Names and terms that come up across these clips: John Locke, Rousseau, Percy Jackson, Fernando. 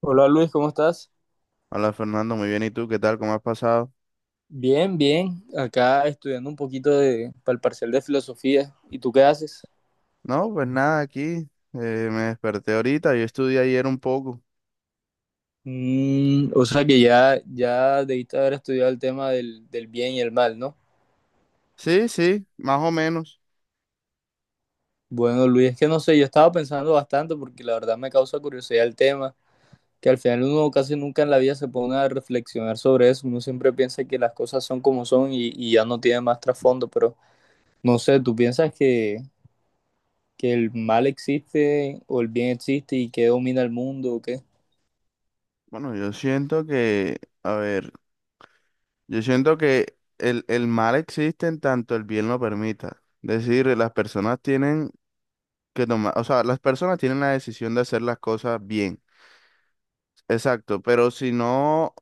Hola Luis, ¿cómo estás? Hola Fernando, muy bien. ¿Y tú qué tal? ¿Cómo has pasado? Bien, bien. Acá estudiando un poquito de, para el parcial de filosofía. ¿Y tú qué haces? No, pues nada, aquí me desperté ahorita. Yo estudié ayer un poco. Mm, o sea que ya debiste haber estudiado el tema del bien y el mal, ¿no? Sí, sí, más o menos. Bueno, Luis, es que no sé, yo estaba pensando bastante porque la verdad me causa curiosidad el tema, que al final uno casi nunca en la vida se pone a reflexionar sobre eso. Uno siempre piensa que las cosas son como son y ya no tiene más trasfondo, pero no sé, ¿tú piensas que el mal existe o el bien existe y que domina el mundo o qué? Bueno, yo siento que, a ver, yo siento que el mal existe en tanto el bien lo permita. Es decir, las personas tienen que tomar, o sea, las personas tienen la decisión de hacer las cosas bien. Exacto, pero si no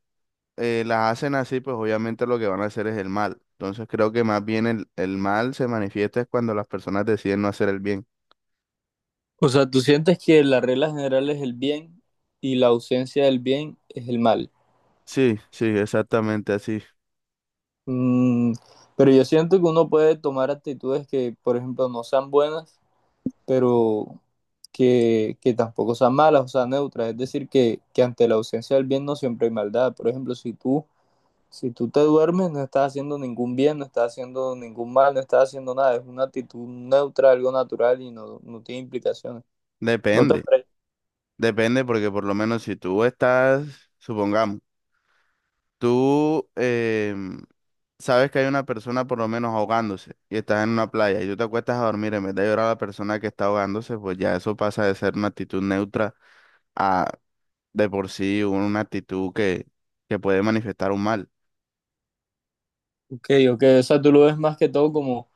las hacen así, pues obviamente lo que van a hacer es el mal. Entonces creo que más bien el mal se manifiesta es cuando las personas deciden no hacer el bien. O sea, tú sientes que la regla general es el bien y la ausencia del bien es el mal. Sí, sí, exactamente así. Mm, pero yo siento que uno puede tomar actitudes que, por ejemplo, no sean buenas, pero que tampoco sean malas, o sea, neutras. Es decir, que ante la ausencia del bien no siempre hay maldad. Por ejemplo, si tú te duermes, no estás haciendo ningún bien, no estás haciendo ningún mal, no estás haciendo nada. Es una actitud neutra, algo natural y no, no tiene implicaciones. ¿No te Depende, parece? depende porque por lo menos si tú estás, supongamos, tú em, sabes que hay una persona por lo menos ahogándose y estás en una playa y tú te acuestas a dormir en vez de llorar a la persona que está ahogándose, pues ya eso pasa de ser una actitud neutra a de por sí una actitud que puede manifestar un mal. Ok, ok, o sea, tú lo ves más que todo como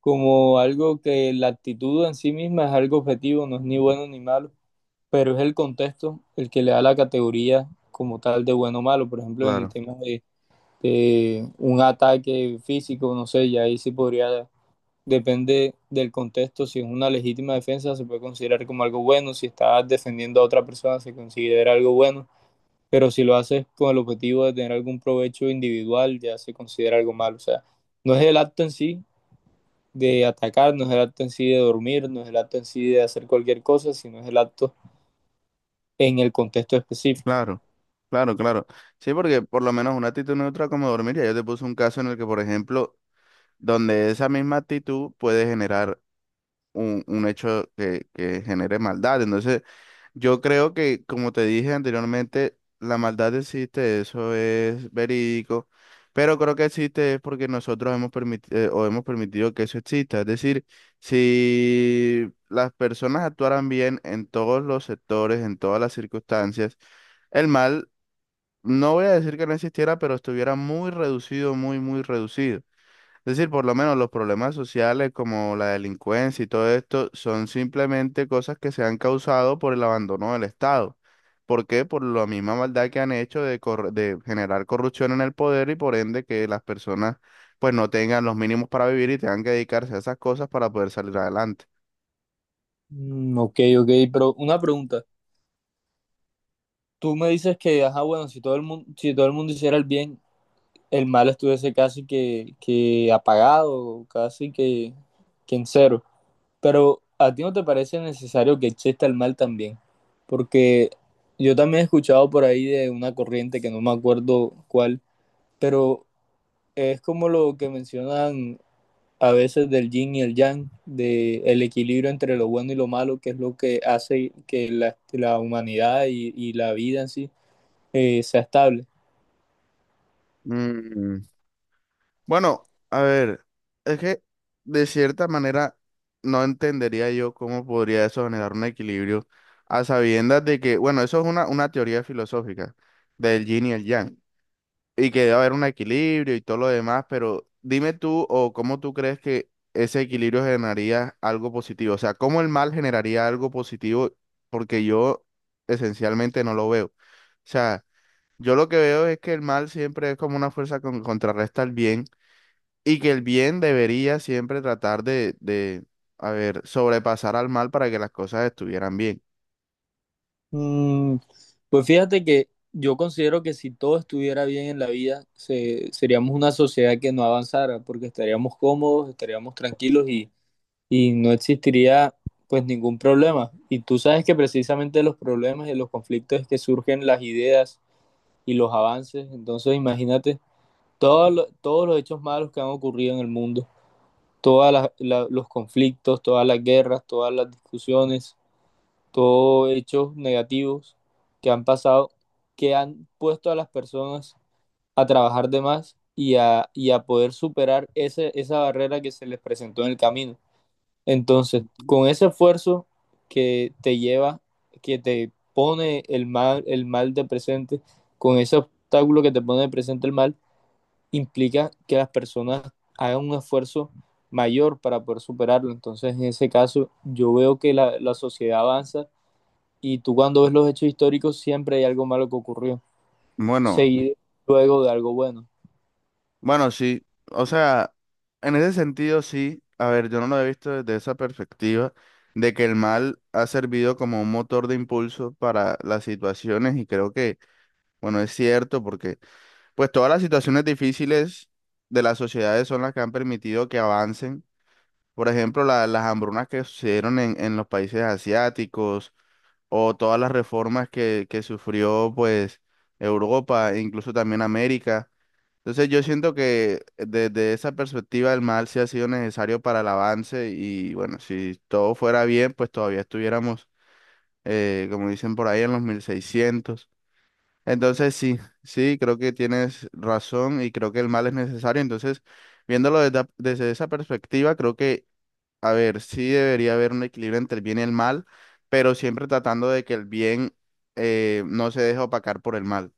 como algo que la actitud en sí misma es algo objetivo, no es ni bueno ni malo, pero es el contexto el que le da la categoría como tal de bueno o malo. Por ejemplo, en el Claro. tema de un ataque físico, no sé, ya ahí sí podría, depende del contexto, si es una legítima defensa se puede considerar como algo bueno, si estás defendiendo a otra persona se considera algo bueno. Pero si lo haces con el objetivo de tener algún provecho individual, ya se considera algo malo. O sea, no es el acto en sí, de atacarnos es el acto en sí de dormir, no es el acto en sí de hacer cualquier cosa, sino es el acto en el contexto específico. Claro, claro, claro. Sí, porque por lo menos una actitud neutra como dormir, ya yo te puse un caso en el que, por ejemplo, donde esa misma actitud puede generar un hecho que genere maldad. Entonces, yo creo que, como te dije anteriormente, la maldad existe, eso es verídico, pero creo que existe es porque nosotros hemos permitido o hemos permitido que eso exista. Es decir, si las personas actuaran bien en todos los sectores, en todas las circunstancias, el mal no voy a decir que no existiera, pero estuviera muy reducido, muy, muy reducido. Es decir, por lo menos los problemas sociales como la delincuencia y todo esto son simplemente cosas que se han causado por el abandono del Estado. ¿Por qué? Por la misma maldad que han hecho de, de generar corrupción en el poder y por ende que las personas pues no tengan los mínimos para vivir y tengan que dedicarse a esas cosas para poder salir adelante. Mm, ok, ok, pero una pregunta. Tú me dices que, ajá, bueno, si todo el mundo hiciera el bien, el mal estuviese casi que apagado, casi que en cero. Pero a ti no te parece necesario que exista el mal también, porque yo también he escuchado por ahí de una corriente que no me acuerdo cuál, pero es como lo que mencionan a veces del yin y el yang, de el equilibrio entre lo bueno y lo malo, que es lo que hace que la humanidad y, la vida en sí sea estable. Mm. Bueno, a ver, es que de cierta manera no entendería yo cómo podría eso generar un equilibrio a sabiendas de que, bueno, eso es una teoría filosófica del yin y el yang, y que debe haber un equilibrio y todo lo demás, pero dime tú o cómo tú crees que ese equilibrio generaría algo positivo, o sea, cómo el mal generaría algo positivo, porque yo esencialmente no lo veo. O sea, yo lo que veo es que el mal siempre es como una fuerza que contrarresta al bien. Y que el bien debería siempre tratar a ver, sobrepasar al mal para que las cosas estuvieran bien. Mm, pues fíjate que yo considero que si todo estuviera bien en la vida, se, seríamos una sociedad que no avanzara, porque estaríamos cómodos, estaríamos tranquilos y no existiría pues ningún problema. Y tú sabes que precisamente los problemas y los conflictos es que surgen las ideas y los avances. Entonces imagínate todos todos los hechos malos que han ocurrido en el mundo, todos los conflictos, todas las guerras, todas las discusiones, todos hechos negativos que han pasado, que han puesto a las personas a trabajar de más y y a poder superar esa barrera que se les presentó en el camino. Entonces, Ujú. con ese esfuerzo que te lleva, que te pone el mal de presente, con ese obstáculo que te pone de presente el mal, implica que las personas hagan un esfuerzo mayor para poder superarlo. Entonces, en ese caso, yo veo que la sociedad avanza y tú cuando ves los hechos históricos siempre hay algo malo que ocurrió, Bueno, seguido luego de algo bueno. bueno, sí. O sea, en ese sentido, sí. A ver, yo no lo he visto desde esa perspectiva de que el mal ha servido como un motor de impulso para las situaciones y creo que, bueno, es cierto porque, pues, todas las situaciones difíciles de las sociedades son las que han permitido que avancen. Por ejemplo, las hambrunas que sucedieron en los países asiáticos o todas las reformas que sufrió pues Europa, e incluso también América. Entonces yo siento que desde esa perspectiva el mal sí ha sido necesario para el avance y bueno, si todo fuera bien, pues todavía estuviéramos, como dicen por ahí, en los 1600. Entonces sí, sí, creo que tienes razón y creo que el mal es necesario. Entonces, viéndolo desde esa perspectiva, creo que a ver, sí debería haber un equilibrio entre el bien y el mal, pero siempre tratando de que el bien no se deje opacar por el mal.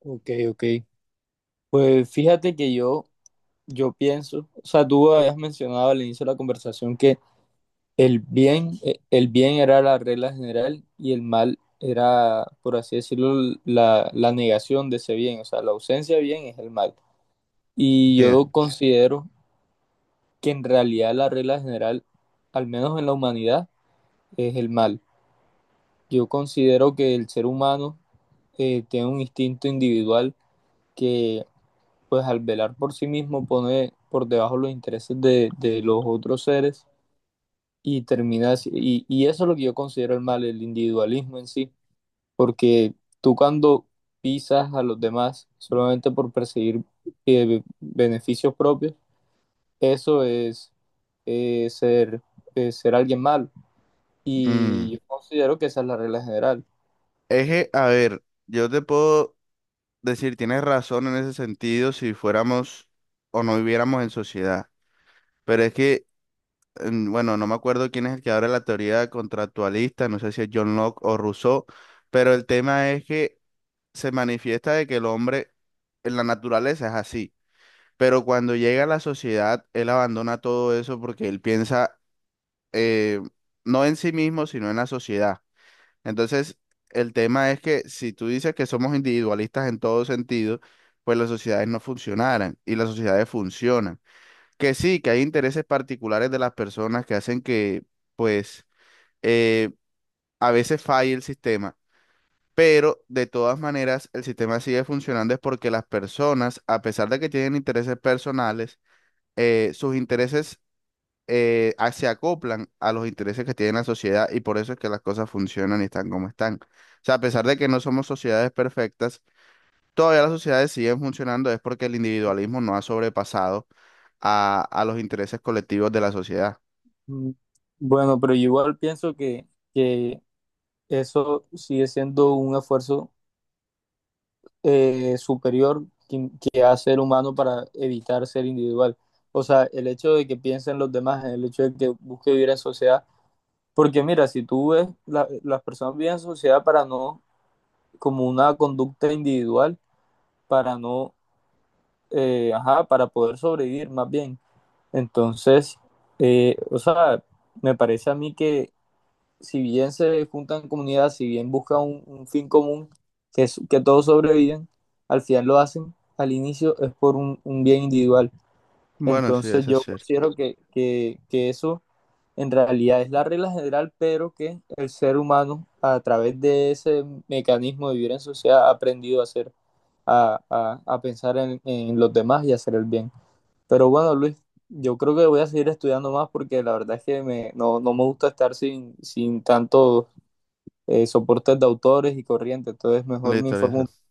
Ok, ok. Pues fíjate que yo pienso, o sea, tú habías mencionado al inicio de la conversación que el bien era la regla general y el mal era, por así decirlo, la negación de ese bien, o sea, la ausencia de bien es el mal. Y Sí. yo considero que en realidad la regla general, al menos en la humanidad, es el mal. Yo considero que el ser humano tiene un instinto individual que, pues al velar por sí mismo, pone por debajo los intereses de los otros seres y termina así- Y, y eso es lo que yo considero el mal, el individualismo en sí, porque tú cuando pisas a los demás solamente por perseguir beneficios propios, eso es ser, ser alguien malo. Y Mm. yo considero que esa es la regla general. Es que, a ver, yo te puedo decir, tienes razón en ese sentido si fuéramos o no viviéramos en sociedad, pero es que, mm, bueno, no me acuerdo quién es el que abre la teoría contractualista, no sé si es John Locke o Rousseau, pero el tema es que se manifiesta de que el hombre en la naturaleza es así. Pero cuando llega a la sociedad, él abandona todo eso porque él piensa eh, no en sí mismo, sino en la sociedad. Entonces, el tema es que si tú dices que somos individualistas en todo sentido, pues las sociedades no funcionaran y las sociedades funcionan. Que sí, que hay intereses particulares de las personas que hacen que, pues, eh, a veces falle el sistema. Pero de todas maneras, el sistema sigue funcionando es porque las personas, a pesar de que tienen intereses personales, sus intereses se acoplan a los intereses que tiene la sociedad y por eso es que las cosas funcionan y están como están. O sea, a pesar de que no somos sociedades perfectas, todavía las sociedades siguen funcionando, es porque el individualismo no ha sobrepasado a los intereses colectivos de la sociedad. Mm, bueno, pero yo igual pienso que eso sigue siendo un esfuerzo superior que hace el humano para evitar ser individual. O sea, el hecho de que piensen los demás, el hecho de que busque vivir en sociedad. Porque mira, si tú ves, la- las personas viven en sociedad para no, como una conducta individual, para no ajá, para poder sobrevivir más bien. Entonces, o sea, me parece a mí que si bien se juntan comunidades, si bien buscan un fin común, que, es- que todos sobreviven, al final lo hacen, al inicio es por un bien individual. Bueno, sí, Entonces eso es yo cierto. considero que eso en realidad es la regla general, pero que el ser humano a través de ese mecanismo de vivir en sociedad ha aprendido a hacer, a pensar en los demás y hacer el bien. Pero bueno, Luis, yo creo que voy a seguir estudiando más porque la verdad es que me, no, no me gusta estar sin, sin tantos soportes de autores y corrientes. Entonces, mejor me Listo, informo listo. un